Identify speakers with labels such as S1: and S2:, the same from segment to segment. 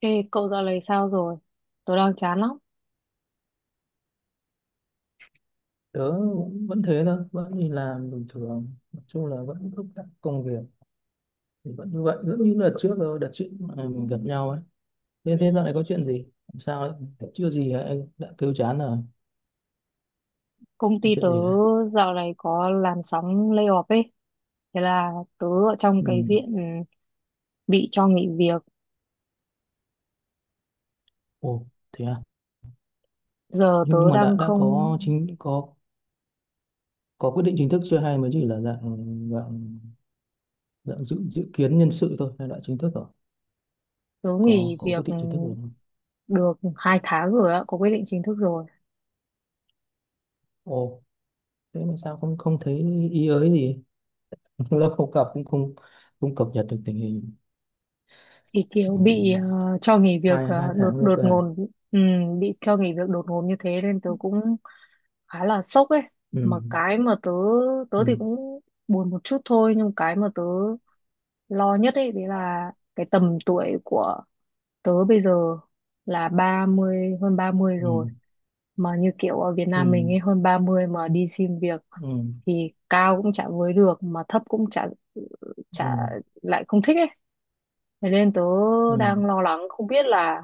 S1: Ê, cậu dạo này sao rồi? Tớ đang chán lắm.
S2: Tớ vẫn thế thôi, vẫn đi làm bình thường, nói chung là vẫn thúc đẩy công việc thì vẫn như vậy, rất như đợt trước, rồi đợt trước mà mình gặp nhau ấy. Thế thế dạo này có chuyện gì, làm sao đấy, chưa gì đã kêu chán rồi?
S1: Công ty
S2: Chuyện
S1: tớ
S2: gì đấy?
S1: dạo này có làn sóng layoff ấy. Thế là tớ ở trong
S2: Ừ.
S1: cái diện bị cho nghỉ việc.
S2: Ồ thế à?
S1: Giờ
S2: nhưng, nhưng
S1: tớ
S2: mà đã
S1: đang
S2: đã
S1: không...
S2: có chính có quyết định chính thức chưa, hay mới chỉ là dạng dạng dạng dự dự kiến nhân sự thôi, hay đã chính thức rồi?
S1: Tớ
S2: có
S1: nghỉ
S2: có
S1: việc
S2: quyết định chính thức rồi không?
S1: được 2 tháng rồi ạ. Có quyết định chính thức rồi.
S2: Ồ, thế mà sao không không thấy ý ới gì? Lâu không gặp cũng không không cập nhật được tình hình.
S1: Thì kiểu
S2: Ừ.
S1: bị cho nghỉ việc
S2: hai hai
S1: đột
S2: tháng rồi
S1: đột
S2: cơ à?
S1: ngột. Ừ, bị cho nghỉ việc đột ngột như thế nên tớ cũng khá là sốc ấy.
S2: Ừ.
S1: Mà cái mà tớ... Tớ
S2: Ừ.
S1: thì cũng buồn một chút thôi. Nhưng cái mà tớ lo nhất ấy đấy là cái tầm tuổi của tớ bây giờ là 30 hơn 30 rồi,
S2: Ừ.
S1: mà như kiểu ở Việt Nam mình
S2: Ừ.
S1: ấy, hơn 30 mà đi xin việc
S2: Ừ.
S1: thì cao cũng chả với được mà thấp cũng chả
S2: Ừ.
S1: chả lại không thích ấy, thế nên tớ
S2: Ừ.
S1: đang lo lắng không biết là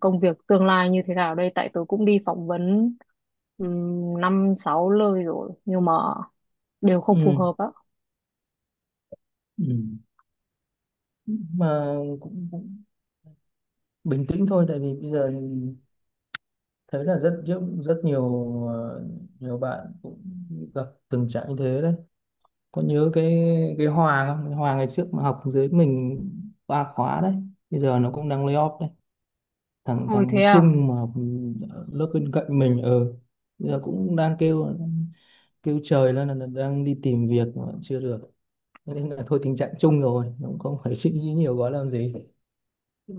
S1: công việc tương lai như thế nào đây, tại tớ cũng đi phỏng vấn năm sáu nơi rồi nhưng mà đều không phù
S2: Ừ.
S1: hợp á.
S2: Ừ. Mà cũng bình tĩnh thôi, tại vì bây giờ thấy là rất rất rất nhiều, ờ, nhiều bạn cũng gặp tình trạng như thế đấy. Có nhớ cái Hòa không, cái Hòa ngày trước mà học dưới mình 3 khóa đấy, bây giờ nó cũng đang lay off đấy. thằng
S1: Ôi thế
S2: thằng
S1: à,
S2: Trung mà học lớp bên cạnh mình ở bây giờ cũng đang kêu kêu trời lên là đang đi tìm việc mà chưa được. Thế nên là thôi, tình trạng chung rồi, cũng không phải suy nghĩ nhiều quá làm gì.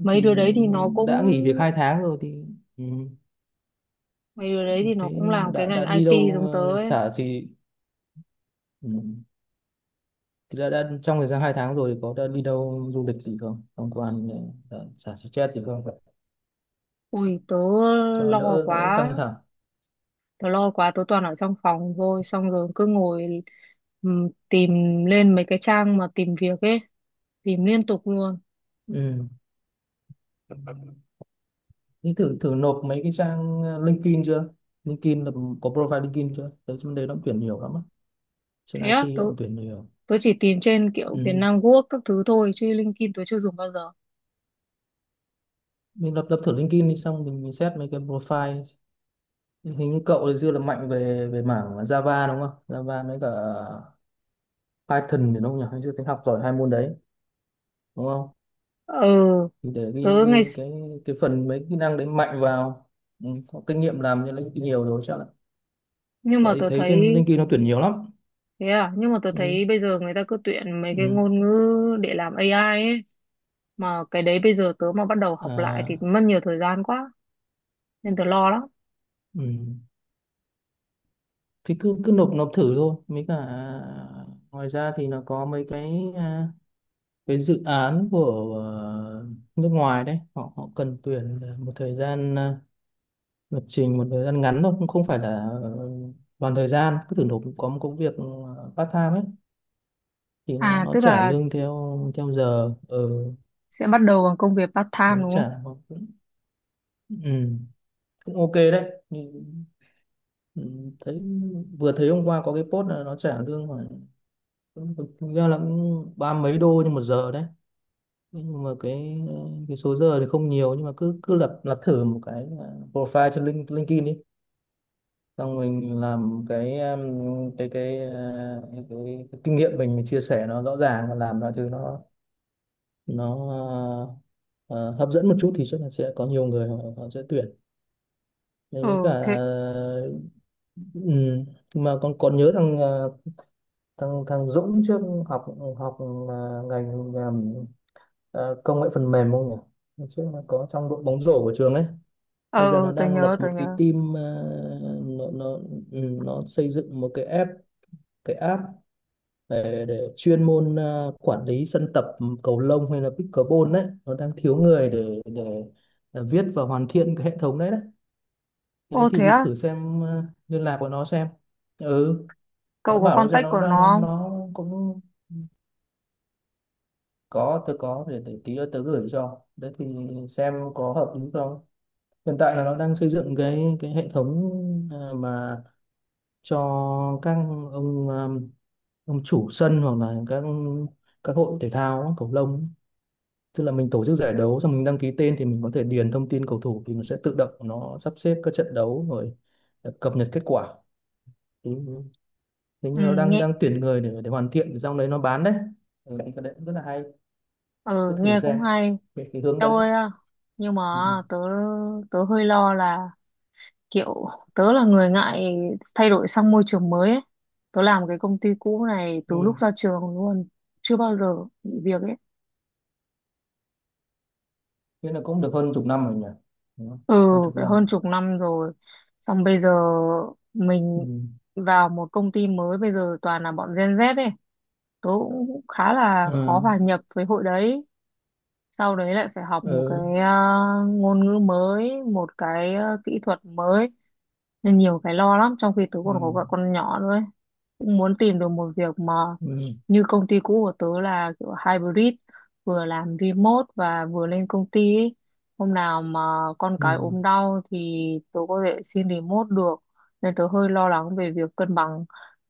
S1: mấy đứa
S2: Thì
S1: đấy thì nó cũng...
S2: đã nghỉ việc 2 tháng rồi thì, ừ,
S1: Mấy đứa đấy thì nó
S2: thế
S1: cũng làm cái
S2: đã
S1: ngành
S2: đã đi
S1: IT
S2: đâu
S1: giống tớ ấy.
S2: xả thì, ừ, thì đã trong thời gian 2 tháng rồi thì có đã đi đâu du lịch gì không, tham quan, xả stress gì không,
S1: Ui, tớ
S2: cho
S1: lo
S2: đỡ
S1: quá.
S2: đỡ căng thẳng?
S1: Tớ lo quá, tớ toàn ở trong phòng thôi. Xong rồi cứ ngồi tìm lên mấy cái trang mà tìm việc ấy. Tìm liên tục luôn.
S2: Ừ. Thế thử thử nộp mấy cái trang LinkedIn chưa? LinkedIn là có profile LinkedIn chưa? Đấy, trên đấy nó tuyển nhiều lắm á. Trên
S1: Thế á,
S2: IT họ cũng tuyển nhiều.
S1: tớ chỉ tìm trên kiểu Việt
S2: Ừ.
S1: Nam Work các thứ thôi. Chứ LinkedIn tớ chưa dùng bao giờ.
S2: Mình lập lập thử LinkedIn đi, xong mình xét mấy cái profile. Hình như cậu thì xưa là mạnh về về mảng Java đúng không, Java với cả Python thì đúng không nhỉ? Hồi xưa tính học giỏi 2 môn đấy đúng không?
S1: Ừ,
S2: Thì để ghi,
S1: tớ ngày...
S2: ghi cái phần mấy kỹ năng đấy mạnh vào. Ừ, có kinh nghiệm làm cho LinkedIn nhiều rồi chắc là,
S1: Nhưng mà
S2: tại
S1: tớ
S2: thấy trên
S1: thấy...
S2: LinkedIn nó tuyển nhiều lắm.
S1: Thế à, nhưng mà tớ thấy
S2: Ừ.
S1: bây giờ người ta cứ tuyển mấy cái
S2: Ừ.
S1: ngôn ngữ để làm AI ấy. Mà cái đấy bây giờ tớ mà bắt đầu học lại thì
S2: à,
S1: mất nhiều thời gian quá. Nên tớ lo lắm.
S2: ừ. Thì cứ cứ nộp nộp thử thôi, mấy cả ngoài ra thì nó có mấy cái, cái dự án của nước ngoài đấy, họ họ cần tuyển một thời gian, lập trình một thời gian ngắn thôi, cũng không phải là toàn thời gian. Cứ thử nộp có một công việc part time ấy, thì
S1: À
S2: nó
S1: tức
S2: trả
S1: là
S2: lương theo theo giờ. Ừ,
S1: sẽ bắt đầu bằng công việc part
S2: nó
S1: time đúng không?
S2: trả nó cũng, ừ, cũng ok đấy. Nhưng- ừ, thấy, vừa thấy hôm qua có cái post là nó trả lương khoảng, thực ra là cũng ba mấy đô nhưng một giờ đấy, nhưng mà cái số giờ thì không nhiều. Nhưng mà cứ cứ lập lập thử một cái, profile trên LinkedIn đi, xong mình làm cái cái cái, à, cái kinh nghiệm mình chia sẻ nó rõ ràng và làm mọi thứ nó nó hấp dẫn một chút, thì chắc là sẽ có nhiều người họ sẽ tuyển.
S1: Ừ
S2: Nên với cả,
S1: thế.
S2: ừ, mà con còn nhớ thằng à, thằng thằng Dũng trước học học à, ngành công nghệ phần mềm không nhỉ? Trước nó có trong đội bóng rổ của trường ấy. Bây giờ
S1: Ờ,
S2: nó
S1: Tớ
S2: đang lập
S1: nhớ tớ
S2: một cái
S1: nhớ.
S2: team, nó, ừ, nó xây dựng một cái app, cái app để chuyên môn quản lý sân tập cầu lông hay là pickleball đấy. Nó đang thiếu người để viết và hoàn thiện cái hệ thống đấy đấy. Thế
S1: Ô thế
S2: thì
S1: á,
S2: thử xem liên lạc của nó xem. Ừ. Nó
S1: cậu có
S2: bảo bây giờ
S1: contact
S2: nó
S1: của nó
S2: đang,
S1: không?
S2: nó cũng có, tôi có, để tí nữa tớ gửi cho đấy, thì xem có hợp lý không. Hiện tại là nó đang xây dựng cái hệ thống mà cho các ông, ông chủ sân, hoặc là các hội thể thao á, cầu lông ấy. Tức là mình tổ chức giải đấu, xong mình đăng ký tên thì mình có thể điền thông tin cầu thủ, thì nó sẽ tự động nó sắp xếp các trận đấu, rồi cập nhật kết quả. Thì thế,
S1: Ừ
S2: như nó đang
S1: nghe,
S2: đang tuyển người để hoàn thiện xong đấy nó bán đấy. Ừ, cái đấy cũng rất là hay. Cứ
S1: ừ
S2: thử
S1: nghe cũng
S2: xem
S1: hay.
S2: về cái hướng
S1: Đâu
S2: đấy.
S1: ơi à, nhưng mà
S2: Ừ.
S1: tớ tớ hơi lo là kiểu tớ là người ngại thay đổi sang môi trường mới ấy. Tớ làm cái công ty cũ này
S2: Ừ.
S1: từ lúc
S2: Ừ,
S1: ra trường luôn, chưa bao giờ nghỉ việc ấy.
S2: thế là cũng được hơn 10 năm rồi nhỉ? Đúng không?
S1: Ừ,
S2: Hơn chục
S1: phải
S2: năm.
S1: hơn chục năm rồi. Xong bây giờ
S2: Ừ.
S1: mình vào một công ty mới, bây giờ toàn là bọn Gen Z ấy. Tớ cũng khá là khó
S2: Ờ.
S1: hòa nhập với hội đấy. Sau đấy lại phải học một cái
S2: Ờ.
S1: ngôn ngữ mới, một cái kỹ thuật mới. Nên nhiều cái lo lắm, trong khi tớ
S2: Ừ.
S1: còn có vợ con nhỏ nữa ấy, cũng muốn tìm được một việc mà
S2: Ừ.
S1: như công ty cũ của tớ là kiểu hybrid, vừa làm remote và vừa lên công ty ấy. Hôm nào mà con cái
S2: Ừ.
S1: ốm đau thì tớ có thể xin remote được, nên tớ hơi lo lắng về việc cân bằng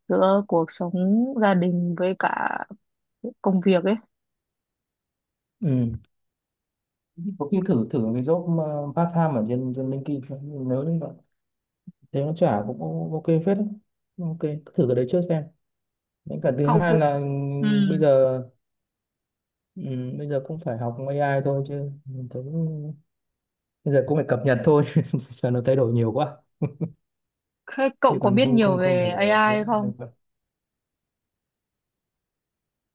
S1: giữa cuộc sống gia đình với cả công việc ấy.
S2: Ừ. Có khi thử thử cái job mà part time ở trên trên LinkedIn xem, nếu như bạn thấy nó trả cũng ok phết đấy. Ok, cứ thử cái đấy trước xem. Đến cả thứ
S1: Cậu
S2: hai
S1: cũng
S2: là,
S1: ừ.
S2: bây giờ bây giờ cũng phải học AI thôi, chứ mình thấy bây giờ cũng phải cập nhật thôi. Giờ nó thay đổi nhiều quá,
S1: Thế cậu
S2: chứ
S1: có
S2: còn
S1: biết
S2: không
S1: nhiều
S2: không không
S1: về
S2: thể,
S1: AI không?
S2: mình phải-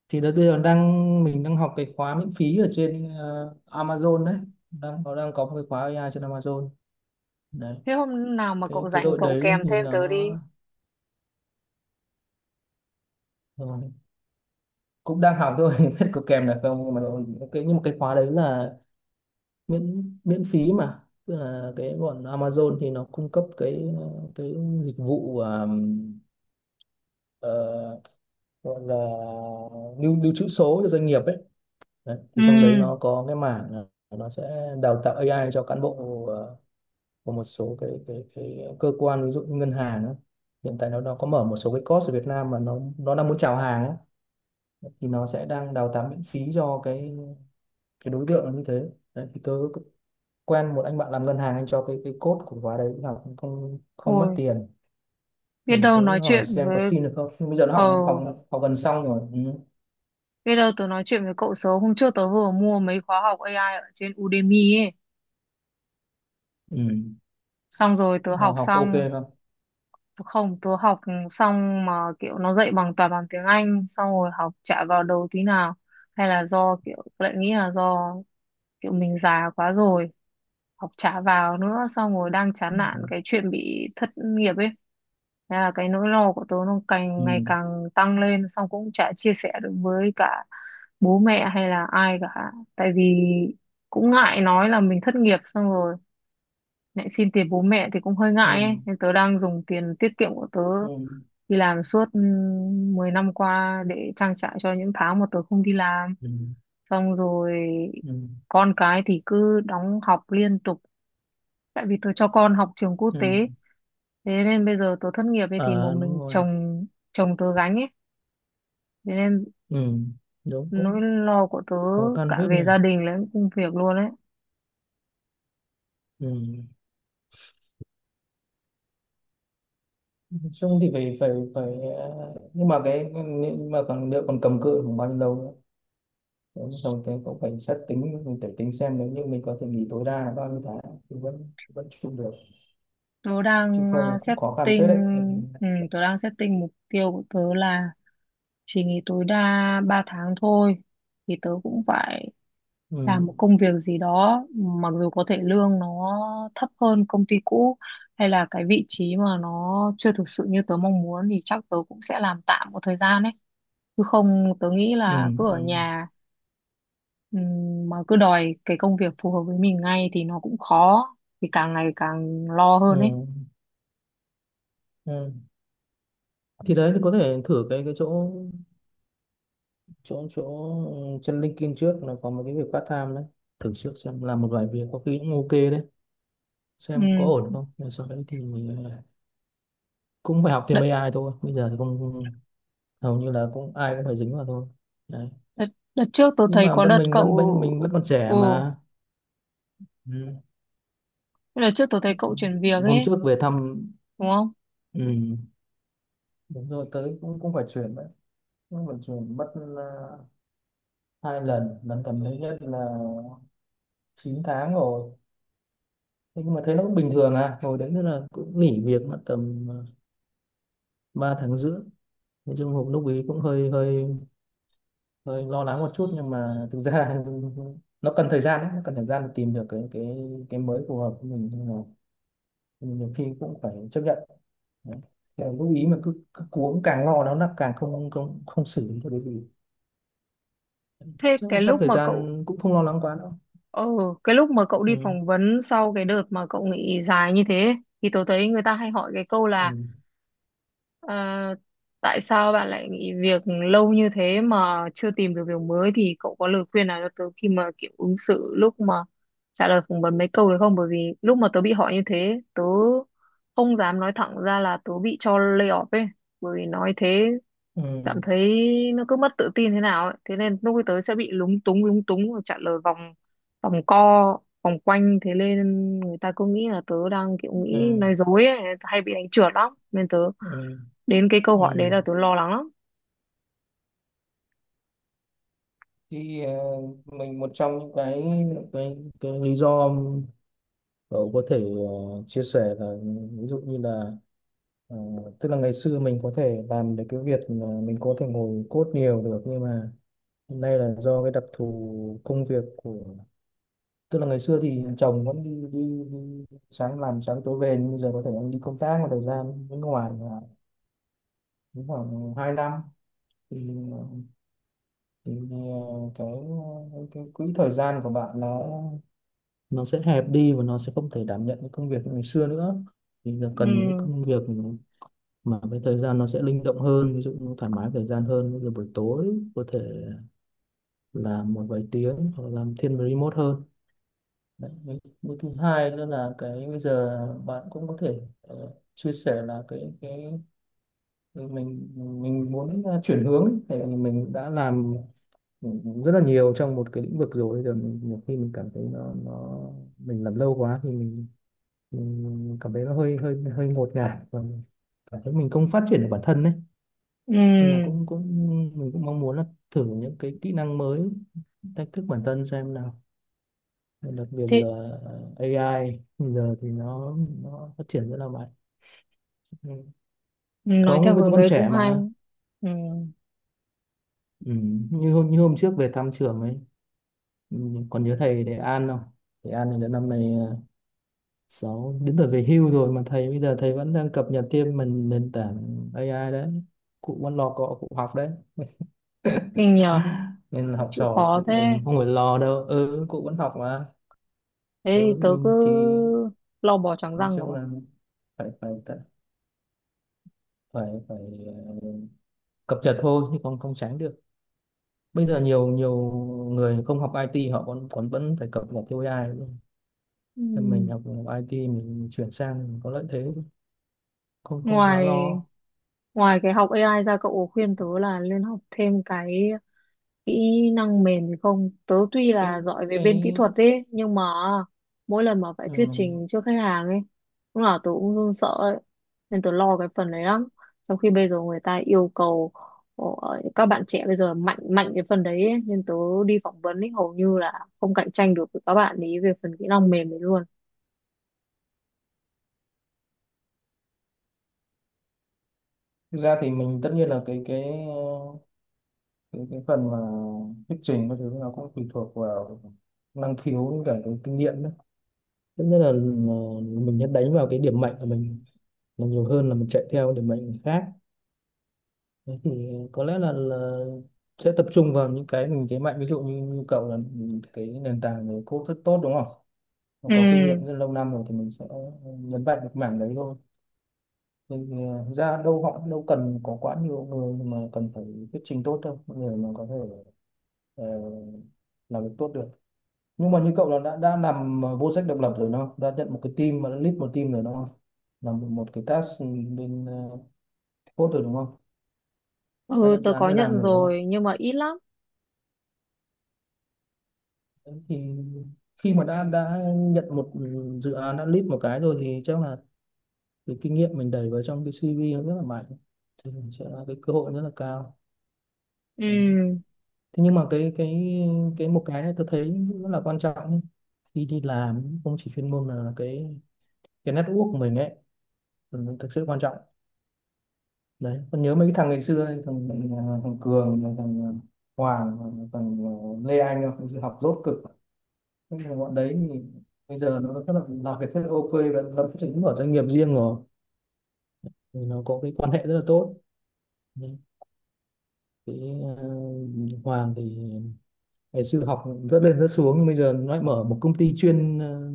S2: thì đợt bây giờ đang, mình đang học cái khóa miễn phí ở trên Amazon đấy. Đang, nó đang có một cái khóa AI trên Amazon đấy.
S1: Thế hôm nào mà cậu
S2: Cái
S1: rảnh
S2: đội
S1: cậu
S2: đấy
S1: kèm
S2: thì
S1: thêm tớ
S2: nó
S1: đi.
S2: cũng đang học thôi biết có kèm được không, nhưng mà nó- cái nhưng mà cái khóa đấy là miễn miễn phí mà. Tức là cái bọn Amazon thì nó cung cấp cái dịch vụ, ờ, gọi là lưu lưu trữ số cho doanh nghiệp ấy đấy.
S1: Ừ,
S2: Thì trong đấy nó có cái mảng là nó sẽ đào tạo AI cho cán bộ của một số cái cơ quan ví dụ như ngân hàng ấy. Hiện tại nó có mở một số cái course ở Việt Nam mà nó đang muốn chào hàng ấy. Thì nó sẽ đang đào tạo miễn phí cho cái đối tượng nó như thế đấy. Thì tớ quen một anh bạn làm ngân hàng, anh cho cái code của khóa đấy học cũng không không mất
S1: ôi,
S2: tiền.
S1: biết đâu
S2: Tớ
S1: nói
S2: hỏi
S1: chuyện
S2: xem có
S1: với
S2: xin được không, nhưng bây giờ nó
S1: ờ
S2: học học học gần xong rồi. Ừ.
S1: bây giờ tớ nói chuyện với cậu sớm. Hôm trước tớ vừa mua mấy khóa học AI ở trên Udemy ấy.
S2: Ừ.
S1: Xong rồi tớ
S2: Học,
S1: học
S2: học ok
S1: xong,
S2: không?
S1: không tớ học xong mà kiểu nó dạy bằng toàn bằng tiếng Anh, xong rồi học chả vào đầu tí nào. Hay là do kiểu tớ lại nghĩ là do kiểu mình già quá rồi, học chả vào nữa, xong rồi đang
S2: Ừ.
S1: chán nản cái chuyện bị thất nghiệp ấy. Thế là cái nỗi lo của tớ nó càng
S2: Ừ.
S1: ngày càng tăng lên, xong cũng chả chia sẻ được với cả bố mẹ hay là ai cả, tại vì cũng ngại nói là mình thất nghiệp xong rồi lại xin tiền bố mẹ thì cũng hơi ngại ấy,
S2: Ừ.
S1: nên tớ đang dùng tiền tiết kiệm của tớ
S2: Ừ.
S1: đi làm suốt 10 năm qua để trang trải cho những tháng mà tớ không đi làm,
S2: Ừ.
S1: xong rồi
S2: Ừ.
S1: con cái thì cứ đóng học liên tục tại vì tớ cho con học trường quốc tế,
S2: Ừ.
S1: thế nên bây giờ tớ thất nghiệp ấy thì một
S2: À đúng
S1: mình
S2: rồi.
S1: chồng, chồng tớ gánh ấy, thế nên
S2: Ừ. Đúng,
S1: nỗi
S2: cũng
S1: lo của tớ
S2: khó khăn
S1: cả
S2: phết nhỉ.
S1: về gia đình lẫn công việc luôn ấy.
S2: Ừ. Nói chung thì phải phải phải, nhưng mà nhưng mà còn liệu còn cầm cự khoảng bao nhiêu lâu nữa? Nếu như không thế cũng phải xét tính, mình phải tính xem nếu như mình có thể nghỉ tối đa là bao nhiêu tháng thì vẫn vẫn trụ được,
S1: Tớ
S2: chứ
S1: đang
S2: không là cũng khó khăn
S1: setting,
S2: phết đấy.
S1: ừ, tớ đang setting mục tiêu của tớ là chỉ nghỉ tối đa 3 tháng thôi, thì tớ cũng phải
S2: Ừ.
S1: làm một công việc gì đó, mặc dù có thể lương nó thấp hơn công ty cũ hay là cái vị trí mà nó chưa thực sự như tớ mong muốn thì chắc tớ cũng sẽ làm tạm một thời gian ấy, chứ không tớ nghĩ
S2: Ừ.
S1: là cứ
S2: Ừ.
S1: ở nhà mà cứ đòi cái công việc phù hợp với mình ngay thì nó cũng khó, thì càng ngày càng lo
S2: Ừ.
S1: hơn ấy.
S2: Ừ. Thì đấy, thì có thể thử cái chỗ chỗ chỗ chân LinkedIn trước, là có một cái việc part time đấy, thử trước xem, làm một vài việc có khi cũng ok đấy, xem có
S1: Ừm,
S2: ổn không, rồi sau đấy thì, ờ, cũng phải học thêm
S1: đợt,
S2: AI thôi. Bây giờ thì không, hầu như là cũng ai cũng phải dính vào thôi đấy.
S1: đợt, đợt trước tôi
S2: Nhưng
S1: thấy
S2: mà
S1: có
S2: vẫn,
S1: đợt
S2: mình
S1: cậu,
S2: vẫn còn trẻ
S1: ừ
S2: mà. Ừ.
S1: đợt trước tôi thấy cậu chuyển việc
S2: Hôm
S1: ấy
S2: trước về thăm.
S1: đúng không?
S2: Ừ. Đúng rồi, tới cũng cũng phải chuyển đấy. Cũng phải chuyển mất 2 lần, lần gần đấy nhất là 9 tháng rồi. Thế nhưng mà thấy nó cũng bình thường à, hồi đấy nữa là cũng nghỉ việc mất tầm 3,5 tháng. Nói chung hộp lúc ấy cũng hơi hơi hơi lo lắng một chút, nhưng mà thực ra nó cần thời gian đấy, nó cần thời gian để tìm được cái cái mới phù hợp với mình, nhưng mà nhiều khi cũng phải chấp nhận. Đấy. Thế là lúc ý mà cứ cuống càng lo nó là càng không không không xử lý được cái gì.
S1: Thế
S2: chắc,
S1: cái
S2: chắc
S1: lúc
S2: thời
S1: mà cậu,
S2: gian cũng không lo lắng quá đâu.
S1: ừ, cái lúc mà cậu đi
S2: ừ
S1: phỏng vấn sau cái đợt mà cậu nghỉ dài như thế thì tớ thấy người ta hay hỏi cái câu là
S2: ừ
S1: "Ờ, tại sao bạn lại nghỉ việc lâu như thế mà chưa tìm được việc mới", thì cậu có lời khuyên nào cho tớ khi mà kiểu ứng xử lúc mà trả lời phỏng vấn mấy câu được không? Bởi vì lúc mà tớ bị hỏi như thế tớ không dám nói thẳng ra là tớ bị cho lay off ấy, bởi vì nói thế
S2: ừ
S1: cảm thấy nó cứ mất tự tin thế nào ấy, thế nên lúc tới sẽ bị lúng túng và trả lời vòng vòng co vòng quanh, thế nên người ta cứ nghĩ là tớ đang kiểu nghĩ
S2: ừ
S1: nói dối ấy, hay bị đánh trượt lắm nên tớ
S2: ừ
S1: đến cái câu hỏi đấy
S2: ừ
S1: là tớ lo lắng lắm.
S2: Thì mình một trong những cái cái lý do cậu có thể chia sẻ là ví dụ như là, ờ, tức là ngày xưa mình có thể làm được cái việc mà mình có thể ngồi code nhiều được, nhưng mà hiện nay là do cái đặc thù công việc của, tức là ngày xưa thì chồng vẫn đi sáng làm sáng tối về, nhưng bây giờ có thể anh đi công tác một thời gian bên ngoài là cũng khoảng 2 năm. thì, thì cái quỹ thời gian của bạn nó sẽ hẹp đi và nó sẽ không thể đảm nhận cái công việc như ngày xưa nữa. Thì giờ cần một cái
S1: Ừ
S2: công việc mà cái thời gian nó sẽ linh động hơn, ví dụ như thoải mái thời gian hơn, như buổi tối có thể làm một vài tiếng hoặc làm thiên về remote hơn. Đấy. Với thứ hai nữa là cái bây giờ bạn cũng có thể chia sẻ là cái cái mình muốn chuyển hướng ấy. Thì mình đã làm, ừ, rất là nhiều trong một cái lĩnh vực rồi. Bây giờ mình, nhiều khi mình cảm thấy nó mình làm lâu quá thì mình cảm thấy nó hơi hơi hơi ngột ngạt và mình cảm thấy mình không phát triển được bản thân đấy. Nên là
S1: ừ,
S2: cũng cũng mình cũng mong muốn là thử những cái kỹ năng mới, thách thức bản thân xem nào. Và đặc biệt
S1: thế
S2: là AI bây giờ thì nó phát triển rất là mạnh. Ừ.
S1: nói
S2: Không
S1: theo
S2: bây giờ
S1: hướng
S2: con
S1: đấy cũng
S2: trẻ
S1: hay.
S2: mà.
S1: Ừ
S2: Ừ. Như hôm trước về thăm trường ấy. Ừ. Còn nhớ thầy thầy An không? Thầy An thì đến năm nay à, sáu đến tuổi về hưu rồi mà thầy, bây giờ thầy vẫn đang cập nhật thêm mình nền tảng AI đấy. Cụ vẫn lo cọ cụ học đấy.
S1: kinh nhờ,
S2: Nên là học
S1: chịu
S2: trò
S1: khó
S2: cụ mình
S1: thế,
S2: không phải lo đâu, ừ cụ vẫn học mà.
S1: thế thì
S2: Ừ
S1: tớ cứ
S2: nhưng thì
S1: lo bò trắng
S2: nói
S1: răng
S2: chung
S1: rồi.
S2: là phải phải ờ, cập nhật thôi, chứ không không tránh được. Bây giờ nhiều nhiều người không học IT họ còn còn vẫn phải cập nhật theo AI luôn.
S1: Ừ,
S2: Nên mình học IT mình chuyển sang mình có lợi thế, không không quá
S1: ngoài
S2: lo.
S1: ngoài cái học AI ra, cậu có khuyên tớ là nên học thêm cái kỹ năng mềm thì không, tớ tuy
S2: cái
S1: là giỏi về
S2: cái
S1: bên kỹ thuật ấy nhưng mà mỗi lần mà phải
S2: ừ.
S1: thuyết trình trước khách hàng ấy lúc nào tớ cũng run sợ ấy, nên tớ lo cái phần đấy lắm, trong khi bây giờ người ta yêu cầu ờ, các bạn trẻ bây giờ mạnh mạnh cái phần đấy ấy. Nên tớ đi phỏng vấn ấy hầu như là không cạnh tranh được với các bạn ấy về phần kỹ năng mềm đấy luôn.
S2: Thực ra thì mình tất nhiên là cái ờ, cái phần mà thuyết trình các thứ nó cũng tùy thuộc vào năng khiếu với cả cái kinh nghiệm đấy. Tất nhiên là, mình sẽ đánh vào cái điểm mạnh của mình là nhiều hơn là mình chạy theo điểm mạnh người khác. Thế thì có lẽ là sẽ tập trung vào những cái mình thế mạnh, ví dụ như cậu là cái nền tảng về code rất tốt đúng không? Nó có kinh
S1: Ừ
S2: nghiệm rất lâu năm rồi thì mình sẽ nhấn mạnh được mảng đấy thôi. Thì, ra đâu họ đâu cần có quá nhiều người mà cần phải thuyết trình tốt đâu, người mà có thể ờ, làm việc tốt được. Nhưng mà như cậu là đã làm vô sách độc lập rồi đúng không, đã nhận một cái team mà đã lead một team rồi đúng không, làm một cái task bên code rồi đúng không, đã
S1: ừ,
S2: nhận dự
S1: tớ
S2: án
S1: có
S2: về làm
S1: nhận
S2: rồi đúng không?
S1: rồi nhưng mà ít lắm.
S2: Đấy, thì khi mà đã nhận một dự án đã lead một cái rồi thì chắc là cái kinh nghiệm mình đẩy vào trong cái CV nó rất là mạnh, sẽ là cái cơ hội rất là cao. Đấy.
S1: Ừ
S2: Thế nhưng mà cái cái một cái này tôi thấy rất là quan trọng ấy. Khi đi làm không chỉ chuyên môn mà cái network của mình ấy, ừ, thực sự quan trọng đấy. Còn nhớ mấy cái thằng ngày xưa ấy, thằng, thằng, Cường, thằng Hoàng, thằng Lê Anh không? Thực sự học dốt cực. Thế nhưng mà bọn đấy thì bây giờ nó rất là, làm việc rất là ok và lập trình mở doanh nghiệp riêng rồi, thì nó có cái quan hệ rất là tốt đấy. Cái Hoàng thì ngày xưa học rất lên rất xuống, nhưng bây giờ nó lại mở một công ty chuyên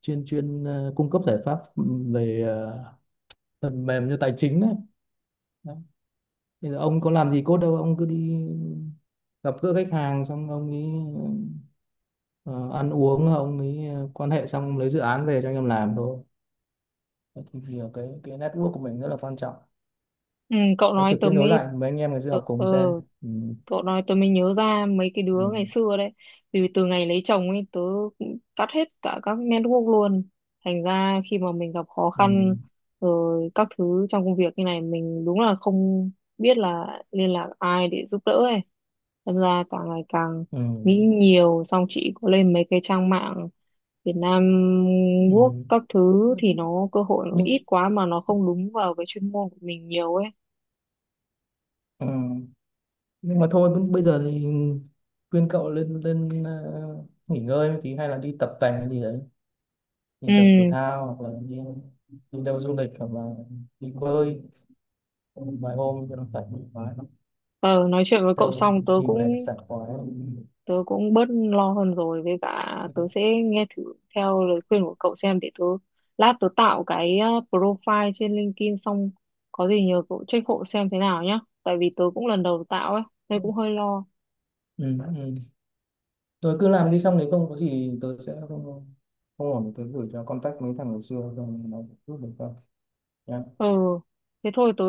S2: chuyên chuyên cung cấp giải pháp về phần mềm cho tài chính đấy. Đấy. Bây giờ ông có làm gì cốt đâu, ông cứ đi gặp gỡ khách hàng, xong ông ấy ờ, ăn uống, ông ấy quan hệ, xong ông lấy dự án về cho anh em làm thôi. Đấy, thì nhiều cái network của mình rất là quan trọng
S1: ừ cậu
S2: đấy.
S1: nói
S2: Thử
S1: tớ
S2: kết nối
S1: mới,
S2: lại mấy anh em ngày xưa
S1: ừ,
S2: học
S1: ừ,
S2: cùng xem. ừ,
S1: cậu nói tớ mới nhớ ra mấy cái
S2: ừ,
S1: đứa ngày xưa đấy. Vì từ ngày lấy chồng ấy tớ cũng cắt hết cả các network luôn. Thành ra khi mà mình gặp khó
S2: ừ,
S1: khăn rồi các thứ trong công việc như này mình đúng là không biết là liên lạc ai để giúp đỡ ấy. Thành ra càng ngày càng
S2: ừ,
S1: nghĩ nhiều, xong chị có lên mấy cái trang mạng Việt Nam Work
S2: ừ.
S1: các thứ thì nó cơ hội nó
S2: Nhưng
S1: ít quá mà nó không đúng vào cái chuyên môn của mình nhiều ấy.
S2: ừ. Nhưng mà thôi bây giờ thì khuyên cậu lên lên nghỉ ngơi một tí hay là đi tập tành hay gì đấy, đi
S1: Ừ,
S2: tập thể thao hoặc là đi đi đâu du lịch hoặc là đi bơi vài hôm cho nó thoải mái.
S1: ờ, nói chuyện với cậu
S2: Đâu
S1: xong tớ
S2: đi
S1: cũng,
S2: về là sảng khoái.
S1: tớ cũng bớt lo hơn rồi, với cả tớ sẽ nghe thử theo lời khuyên của cậu xem, để tớ lát tớ tạo cái profile trên LinkedIn, xong có gì nhờ cậu check hộ xem thế nào nhá, tại vì tớ cũng lần đầu tạo ấy nên cũng hơi lo.
S2: Ừ. Rồi cứ làm đi, xong nếu không có gì tớ sẽ không, không ổn tớ gửi cho contact mấy thằng ngày xưa rồi nó giúp được không nhá.
S1: Ừ thế thôi, tớ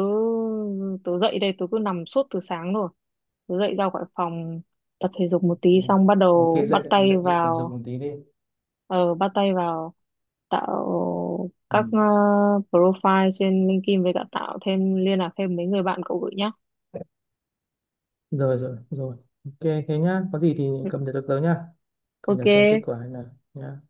S1: tớ dậy đây, tớ cứ nằm suốt từ sáng rồi, tớ dậy ra khỏi phòng tập thể dục một
S2: Ok.
S1: tí xong bắt
S2: Ok
S1: đầu bắt
S2: dậy
S1: tay
S2: dậy đi phải dùng
S1: vào,
S2: một tí đi.
S1: ờ bắt tay vào tạo
S2: Ừ.
S1: các profile trên LinkedIn với cả tạo thêm liên lạc thêm mấy người bạn cậu gửi nhá.
S2: rồi rồi rồi. Ok thế nhá, có gì thì cập nhật được tới nhá, cập nhật xem kết
S1: Ok,
S2: quả thế nào nhá.